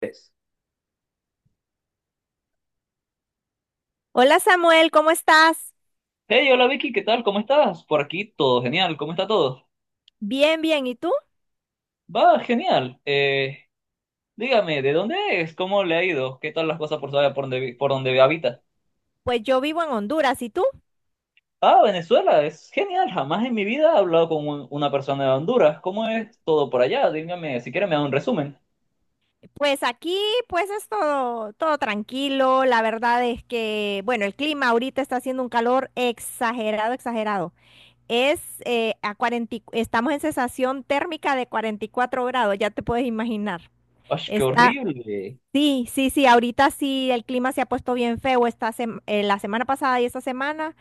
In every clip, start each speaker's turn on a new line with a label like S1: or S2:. S1: Tres.
S2: Hola Samuel, ¿cómo estás?
S1: Hey, hola Vicky, ¿qué tal? ¿Cómo estás? Por aquí todo genial, ¿cómo está todo?
S2: Bien, bien. ¿Y tú?
S1: Va, genial. Dígame, ¿de dónde es? ¿Cómo le ha ido? ¿Qué tal las cosas por saber por dónde, por dónde habita?
S2: Pues yo vivo en Honduras. ¿Y tú?
S1: Ah, Venezuela, es genial. Jamás en mi vida he hablado con una persona de Honduras. ¿Cómo es todo por allá? Dígame, si quiere me da un resumen.
S2: Pues aquí, pues es todo, todo tranquilo. La verdad es que, bueno, el clima ahorita está haciendo un calor exagerado, exagerado. Es a 40, estamos en sensación térmica de 44 grados, ya te puedes imaginar.
S1: ¡Ay, qué
S2: Está
S1: horrible!
S2: sí, sí, sí, ahorita sí el clima se ha puesto bien feo la semana pasada y esta semana,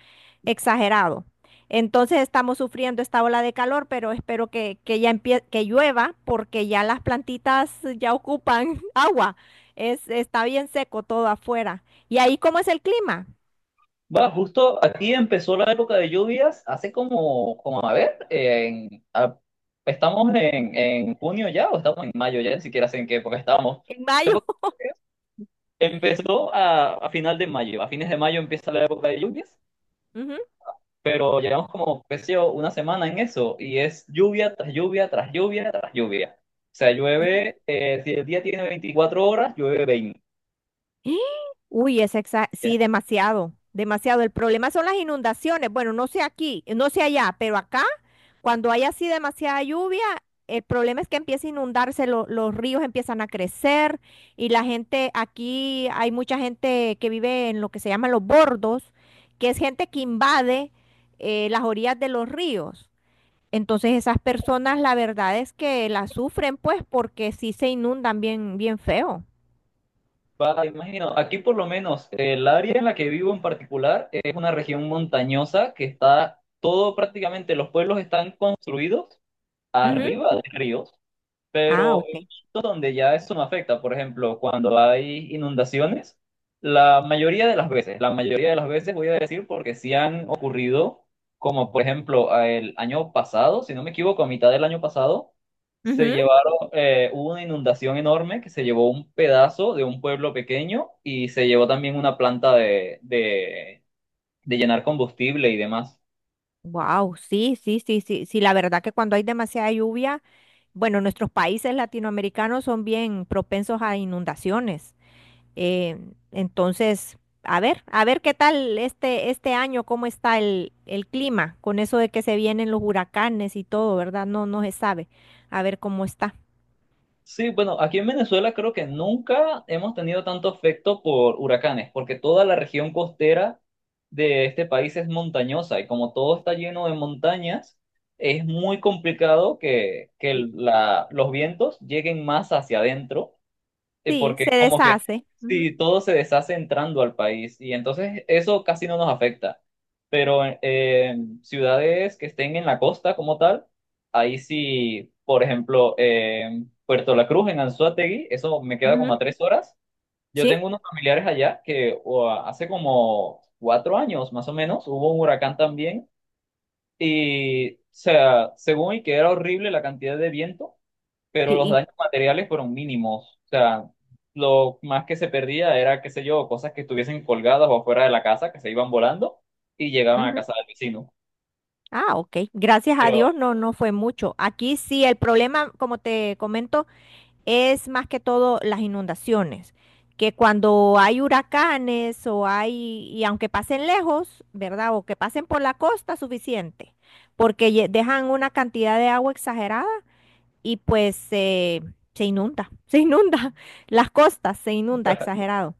S2: exagerado. Entonces estamos sufriendo esta ola de calor, pero espero que ya empie que llueva porque ya las plantitas ya ocupan agua. Es, está bien seco todo afuera. ¿Y ahí cómo es el clima?
S1: Va, justo aquí empezó la época de lluvias, hace como, como a ver, estamos en junio ya o estamos en mayo ya, ni siquiera sé en qué época estamos.
S2: En
S1: La
S2: mayo.
S1: época de lluvias empezó a final de mayo, a fines de mayo empieza la época de lluvias,
S2: Ujú.
S1: pero llevamos como, qué sé yo, una semana en eso y es lluvia tras lluvia tras lluvia tras lluvia. O sea,
S2: Y-
S1: llueve, si el día tiene 24 horas, llueve 20.
S2: ¡Ah! Uy, sí, demasiado, demasiado. El problema son las inundaciones. Bueno, no sé aquí, no sé allá, pero acá. Cuando hay así demasiada lluvia, el problema es que empieza a inundarse, los ríos empiezan a crecer y la gente, aquí hay mucha gente que vive en lo que se llaman los bordos, que es gente que invade las orillas de los ríos. Entonces esas personas la verdad es que las sufren pues porque sí se inundan bien, bien feo.
S1: Va, imagino, aquí por lo menos el área en la que vivo en particular es una región montañosa que está todo prácticamente, los pueblos están construidos
S2: Ujú.
S1: arriba de ríos.
S2: Ah,
S1: Pero he
S2: ok.
S1: visto donde ya eso no afecta, por ejemplo, cuando hay inundaciones, la mayoría de las veces, la mayoría de las veces voy a decir porque sí han ocurrido, como por ejemplo a el año pasado, si no me equivoco, a mitad del año pasado, se llevaron, hubo una inundación enorme que se llevó un pedazo de un pueblo pequeño y se llevó también una planta de llenar combustible y demás.
S2: Wow, sí, sí, sí, sí, sí, la verdad que cuando hay demasiada lluvia. Bueno, nuestros países latinoamericanos son bien propensos a inundaciones. Eh, entonces, a ver qué tal este, este año, cómo está el clima, con eso de que se vienen los huracanes y todo, ¿verdad? No, no se sabe. A ver cómo está.
S1: Sí, bueno, aquí en Venezuela creo que nunca hemos tenido tanto afecto por huracanes, porque toda la región costera de este país es montañosa y como todo está lleno de montañas, es muy complicado que
S2: Sí.
S1: los vientos lleguen más hacia adentro
S2: Sí,
S1: porque
S2: se
S1: como que
S2: deshace.
S1: sí, todo se deshace entrando al país y entonces eso casi no nos afecta. Pero en ciudades que estén en la costa como tal, ahí sí, por ejemplo, Puerto La Cruz, en Anzoátegui, eso me queda
S2: Ujú,
S1: como a
S2: ujú.
S1: 3 horas. Yo
S2: Sí,
S1: tengo unos familiares allá hace como 4 años más o menos hubo un huracán también y, o sea, según y que era horrible la cantidad de viento, pero los
S2: sí.
S1: daños materiales fueron mínimos. O sea, lo más que se perdía era, qué sé yo, cosas que estuviesen colgadas o afuera de la casa, que se iban volando y llegaban a
S2: Ujú.
S1: casa del vecino.
S2: Ah, ok. Gracias a
S1: Pero
S2: Dios, no, no fue mucho. Aquí sí, el problema, como te comento, es más que todo las inundaciones, que cuando hay huracanes o hay, y aunque pasen lejos, ¿verdad? O que pasen por la costa, suficiente, porque dejan una cantidad de agua exagerada y pues se inunda, se inunda, las costas se inunda exagerado.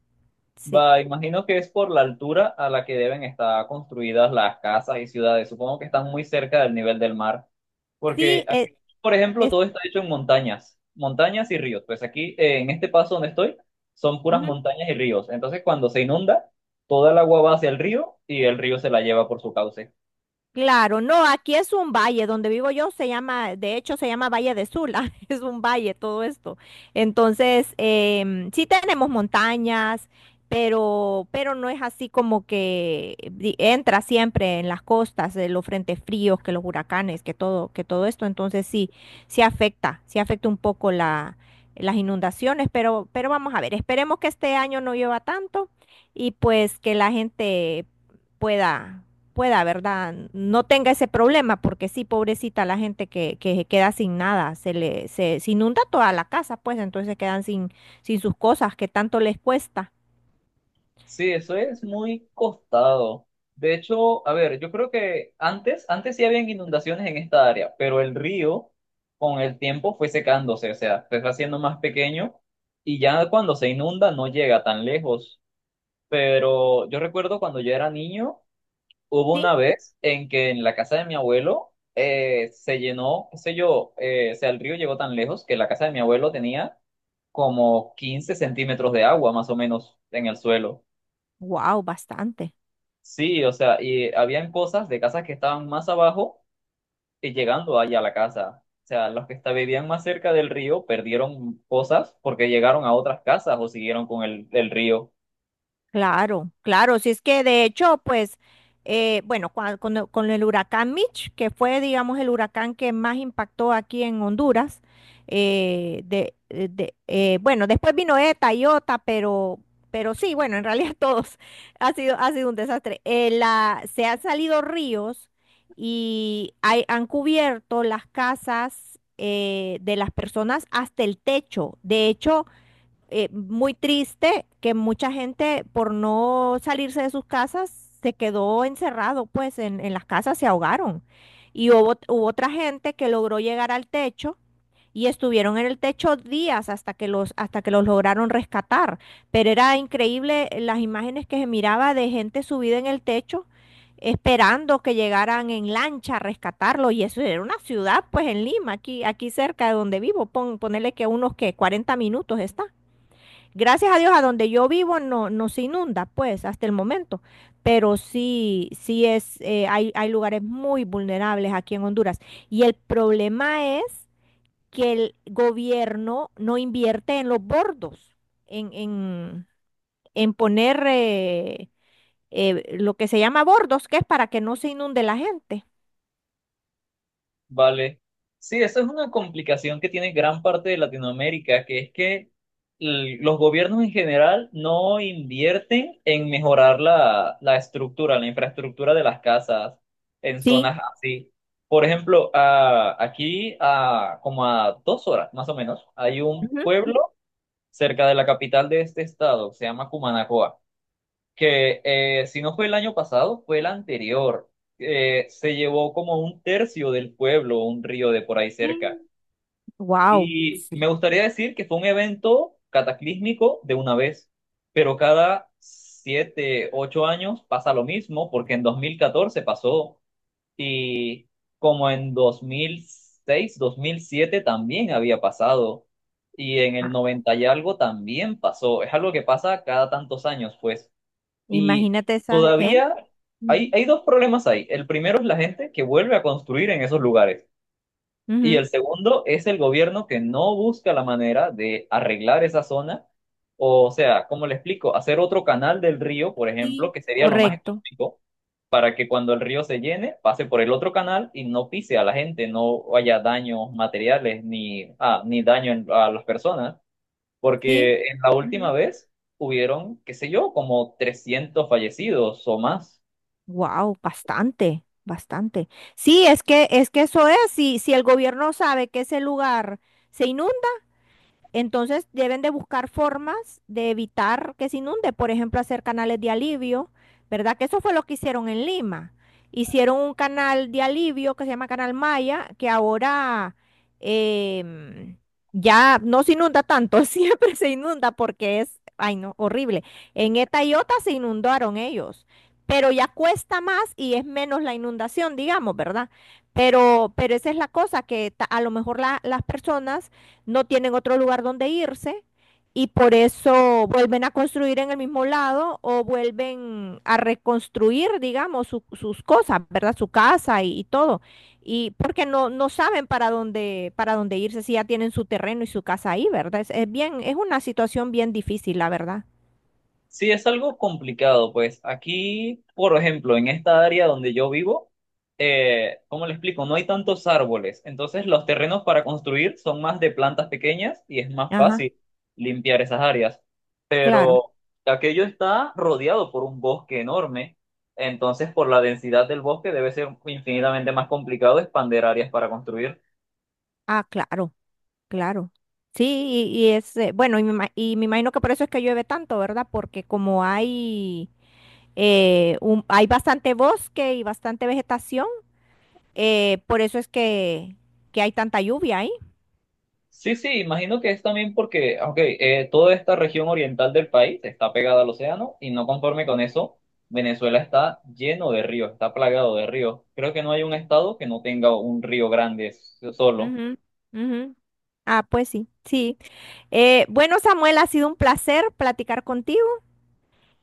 S2: Sí,
S1: va, imagino que es por la altura a la que deben estar construidas las casas y ciudades. Supongo que están muy cerca del nivel del mar, porque
S2: sí,
S1: aquí, por ejemplo,
S2: es,
S1: todo está hecho en montañas, montañas y ríos. Pues aquí, en este paso donde estoy, son puras
S2: ujú.
S1: montañas y ríos. Entonces, cuando se inunda, toda el agua va hacia el río y el río se la lleva por su cauce.
S2: Claro, no, aquí es un valle, donde vivo yo se llama, de hecho se llama Valle de Sula, es un valle todo esto. Entonces, sí tenemos montañas, pero no es así como entra siempre en las costas, los frentes fríos, que los huracanes, que todo esto. Entonces sí, sí afecta un poco la, las inundaciones, pero vamos a ver, esperemos que este año no llueva tanto y pues que la gente pueda pueda, ¿verdad? No tenga ese problema, porque sí, pobrecita la gente que se queda sin nada, se inunda toda la casa, pues entonces quedan sin, sin sus cosas que tanto les cuesta.
S1: Sí, eso es muy costado. De hecho, a ver, yo creo que antes, antes sí habían inundaciones en esta área, pero el río con el tiempo fue secándose, o sea, se fue haciendo más pequeño y ya cuando se inunda no llega tan lejos. Pero yo recuerdo cuando yo era niño, hubo
S2: Sí,
S1: una vez en que en la casa de mi abuelo se llenó, qué sé yo, o sea, el río llegó tan lejos que la casa de mi abuelo tenía como 15 centímetros de agua más o menos en el suelo.
S2: wow, bastante.
S1: Sí, o sea, y habían cosas de casas que estaban más abajo y llegando allá a la casa. O sea, los que vivían más cerca del río perdieron cosas porque llegaron a otras casas o siguieron con el río.
S2: Claro, claro, si es que de hecho, pues, bueno, con el huracán Mitch, que fue, digamos, el huracán que más impactó aquí en Honduras, bueno, después vino ETA y OTA, pero sí, bueno, en realidad todos ha sido un desastre. Se han salido ríos han cubierto las casas de las personas hasta el techo. De hecho, muy triste que mucha gente por no salirse de sus casas se quedó encerrado, pues en las casas se ahogaron. Y hubo, hubo otra gente que logró llegar al techo y estuvieron en el techo días hasta que los lograron rescatar. Pero era increíble las imágenes que se miraba de gente subida en el techo esperando que llegaran en lancha a rescatarlo y eso era una ciudad pues en Lima, aquí, aquí cerca de donde vivo, ponerle que unos que 40 minutos está. Gracias a Dios, a donde yo vivo no, no se inunda, pues, hasta el momento. Pero sí, sí es, hay, hay lugares muy vulnerables aquí en Honduras. Y el problema es que el gobierno no invierte en los bordos, en, en, en poner lo que se llama bordos, que es para que no se inunde la gente.
S1: Vale. Sí, esa es una complicación que tiene gran parte de Latinoamérica, que es que los gobiernos en general no invierten en mejorar la estructura, la infraestructura de las casas en
S2: Sí.
S1: zonas así. Por ejemplo, aquí a como a 2 horas más o menos, hay un pueblo cerca de la capital de este estado, se llama Cumanacoa que si no fue el año pasado, fue el anterior. Se llevó como un tercio del pueblo, un río de por ahí cerca.
S2: Wow.
S1: Y me
S2: Sí.
S1: gustaría decir que fue un evento cataclísmico de una vez, pero cada 7, 8 años pasa lo mismo, porque en 2014 pasó y como en 2006 2007 también había pasado. Y en el
S2: Ah,
S1: 90 y algo también pasó. Es algo que pasa cada tantos años, pues. Y
S2: imagínate esa gente.
S1: todavía
S2: Ujú.
S1: hay dos problemas ahí. El primero es la gente que vuelve a construir en esos lugares. Y el
S2: Ujú,
S1: segundo es el gobierno que no busca la manera de arreglar esa zona. O sea, cómo le explico, hacer otro canal del río, por ejemplo,
S2: sí,
S1: que sería lo más
S2: correcto.
S1: económico, para que cuando el río se llene, pase por el otro canal y no pise a la gente, no haya daños materiales ni daño a las personas.
S2: Sí.
S1: Porque en la última vez hubieron, qué sé yo, como 300 fallecidos o más.
S2: Wow, bastante, bastante. Sí, es que eso es, si el gobierno sabe que ese lugar se inunda, entonces deben de buscar formas de evitar que se inunde, por ejemplo, hacer canales de alivio, ¿verdad? Que eso fue lo que hicieron en Lima. Hicieron un canal de alivio que se llama Canal Maya, que ahora em, ya no se inunda tanto, siempre se inunda porque es, ay no, horrible. En Eta y Ota se inundaron ellos, pero ya cuesta más y es menos la inundación, digamos, ¿verdad? Pero esa es la cosa, a lo mejor las personas no tienen otro lugar donde irse y por eso vuelven a construir en el mismo lado o vuelven a reconstruir, digamos, sus cosas, ¿verdad? Su casa y todo. Y porque no, no saben para dónde irse si ya tienen su terreno y su casa ahí, ¿verdad? Es bien, es una situación bien difícil, la verdad.
S1: Sí, es algo complicado, pues aquí, por ejemplo, en esta área donde yo vivo, ¿cómo le explico? No hay tantos árboles, entonces los terrenos para construir son más de plantas pequeñas y es más
S2: Ajá,
S1: fácil limpiar esas áreas.
S2: claro.
S1: Pero aquello está rodeado por un bosque enorme, entonces por la densidad del bosque debe ser infinitamente más complicado expander áreas para construir.
S2: Ah, claro, claro. Sí, y es, bueno, y me imagino que por eso es que llueve tanto, ¿verdad? Porque como hay hay bastante bosque y bastante vegetación, por eso es que hay tanta lluvia ahí.
S1: Sí, sí, imagino que es también porque, ok, toda esta región oriental del país está pegada al océano y no conforme con eso, Venezuela está lleno de ríos, está plagado de ríos. Creo que no hay un estado que no tenga un río grande solo.
S2: Ujú, ujú. Ah, pues sí, sí. Bueno, Samuel, ha sido un placer platicar contigo.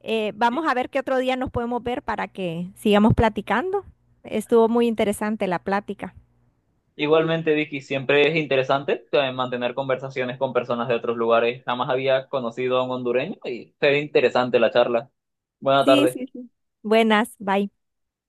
S2: Vamos a ver qué otro día nos podemos ver para que sigamos platicando. Estuvo muy interesante la plática.
S1: Igualmente, Vicky, siempre es interesante mantener conversaciones con personas de otros lugares. Jamás había conocido a un hondureño y fue interesante la charla. Buena
S2: Sí,
S1: tarde.
S2: sí, sí. Buenas, bye.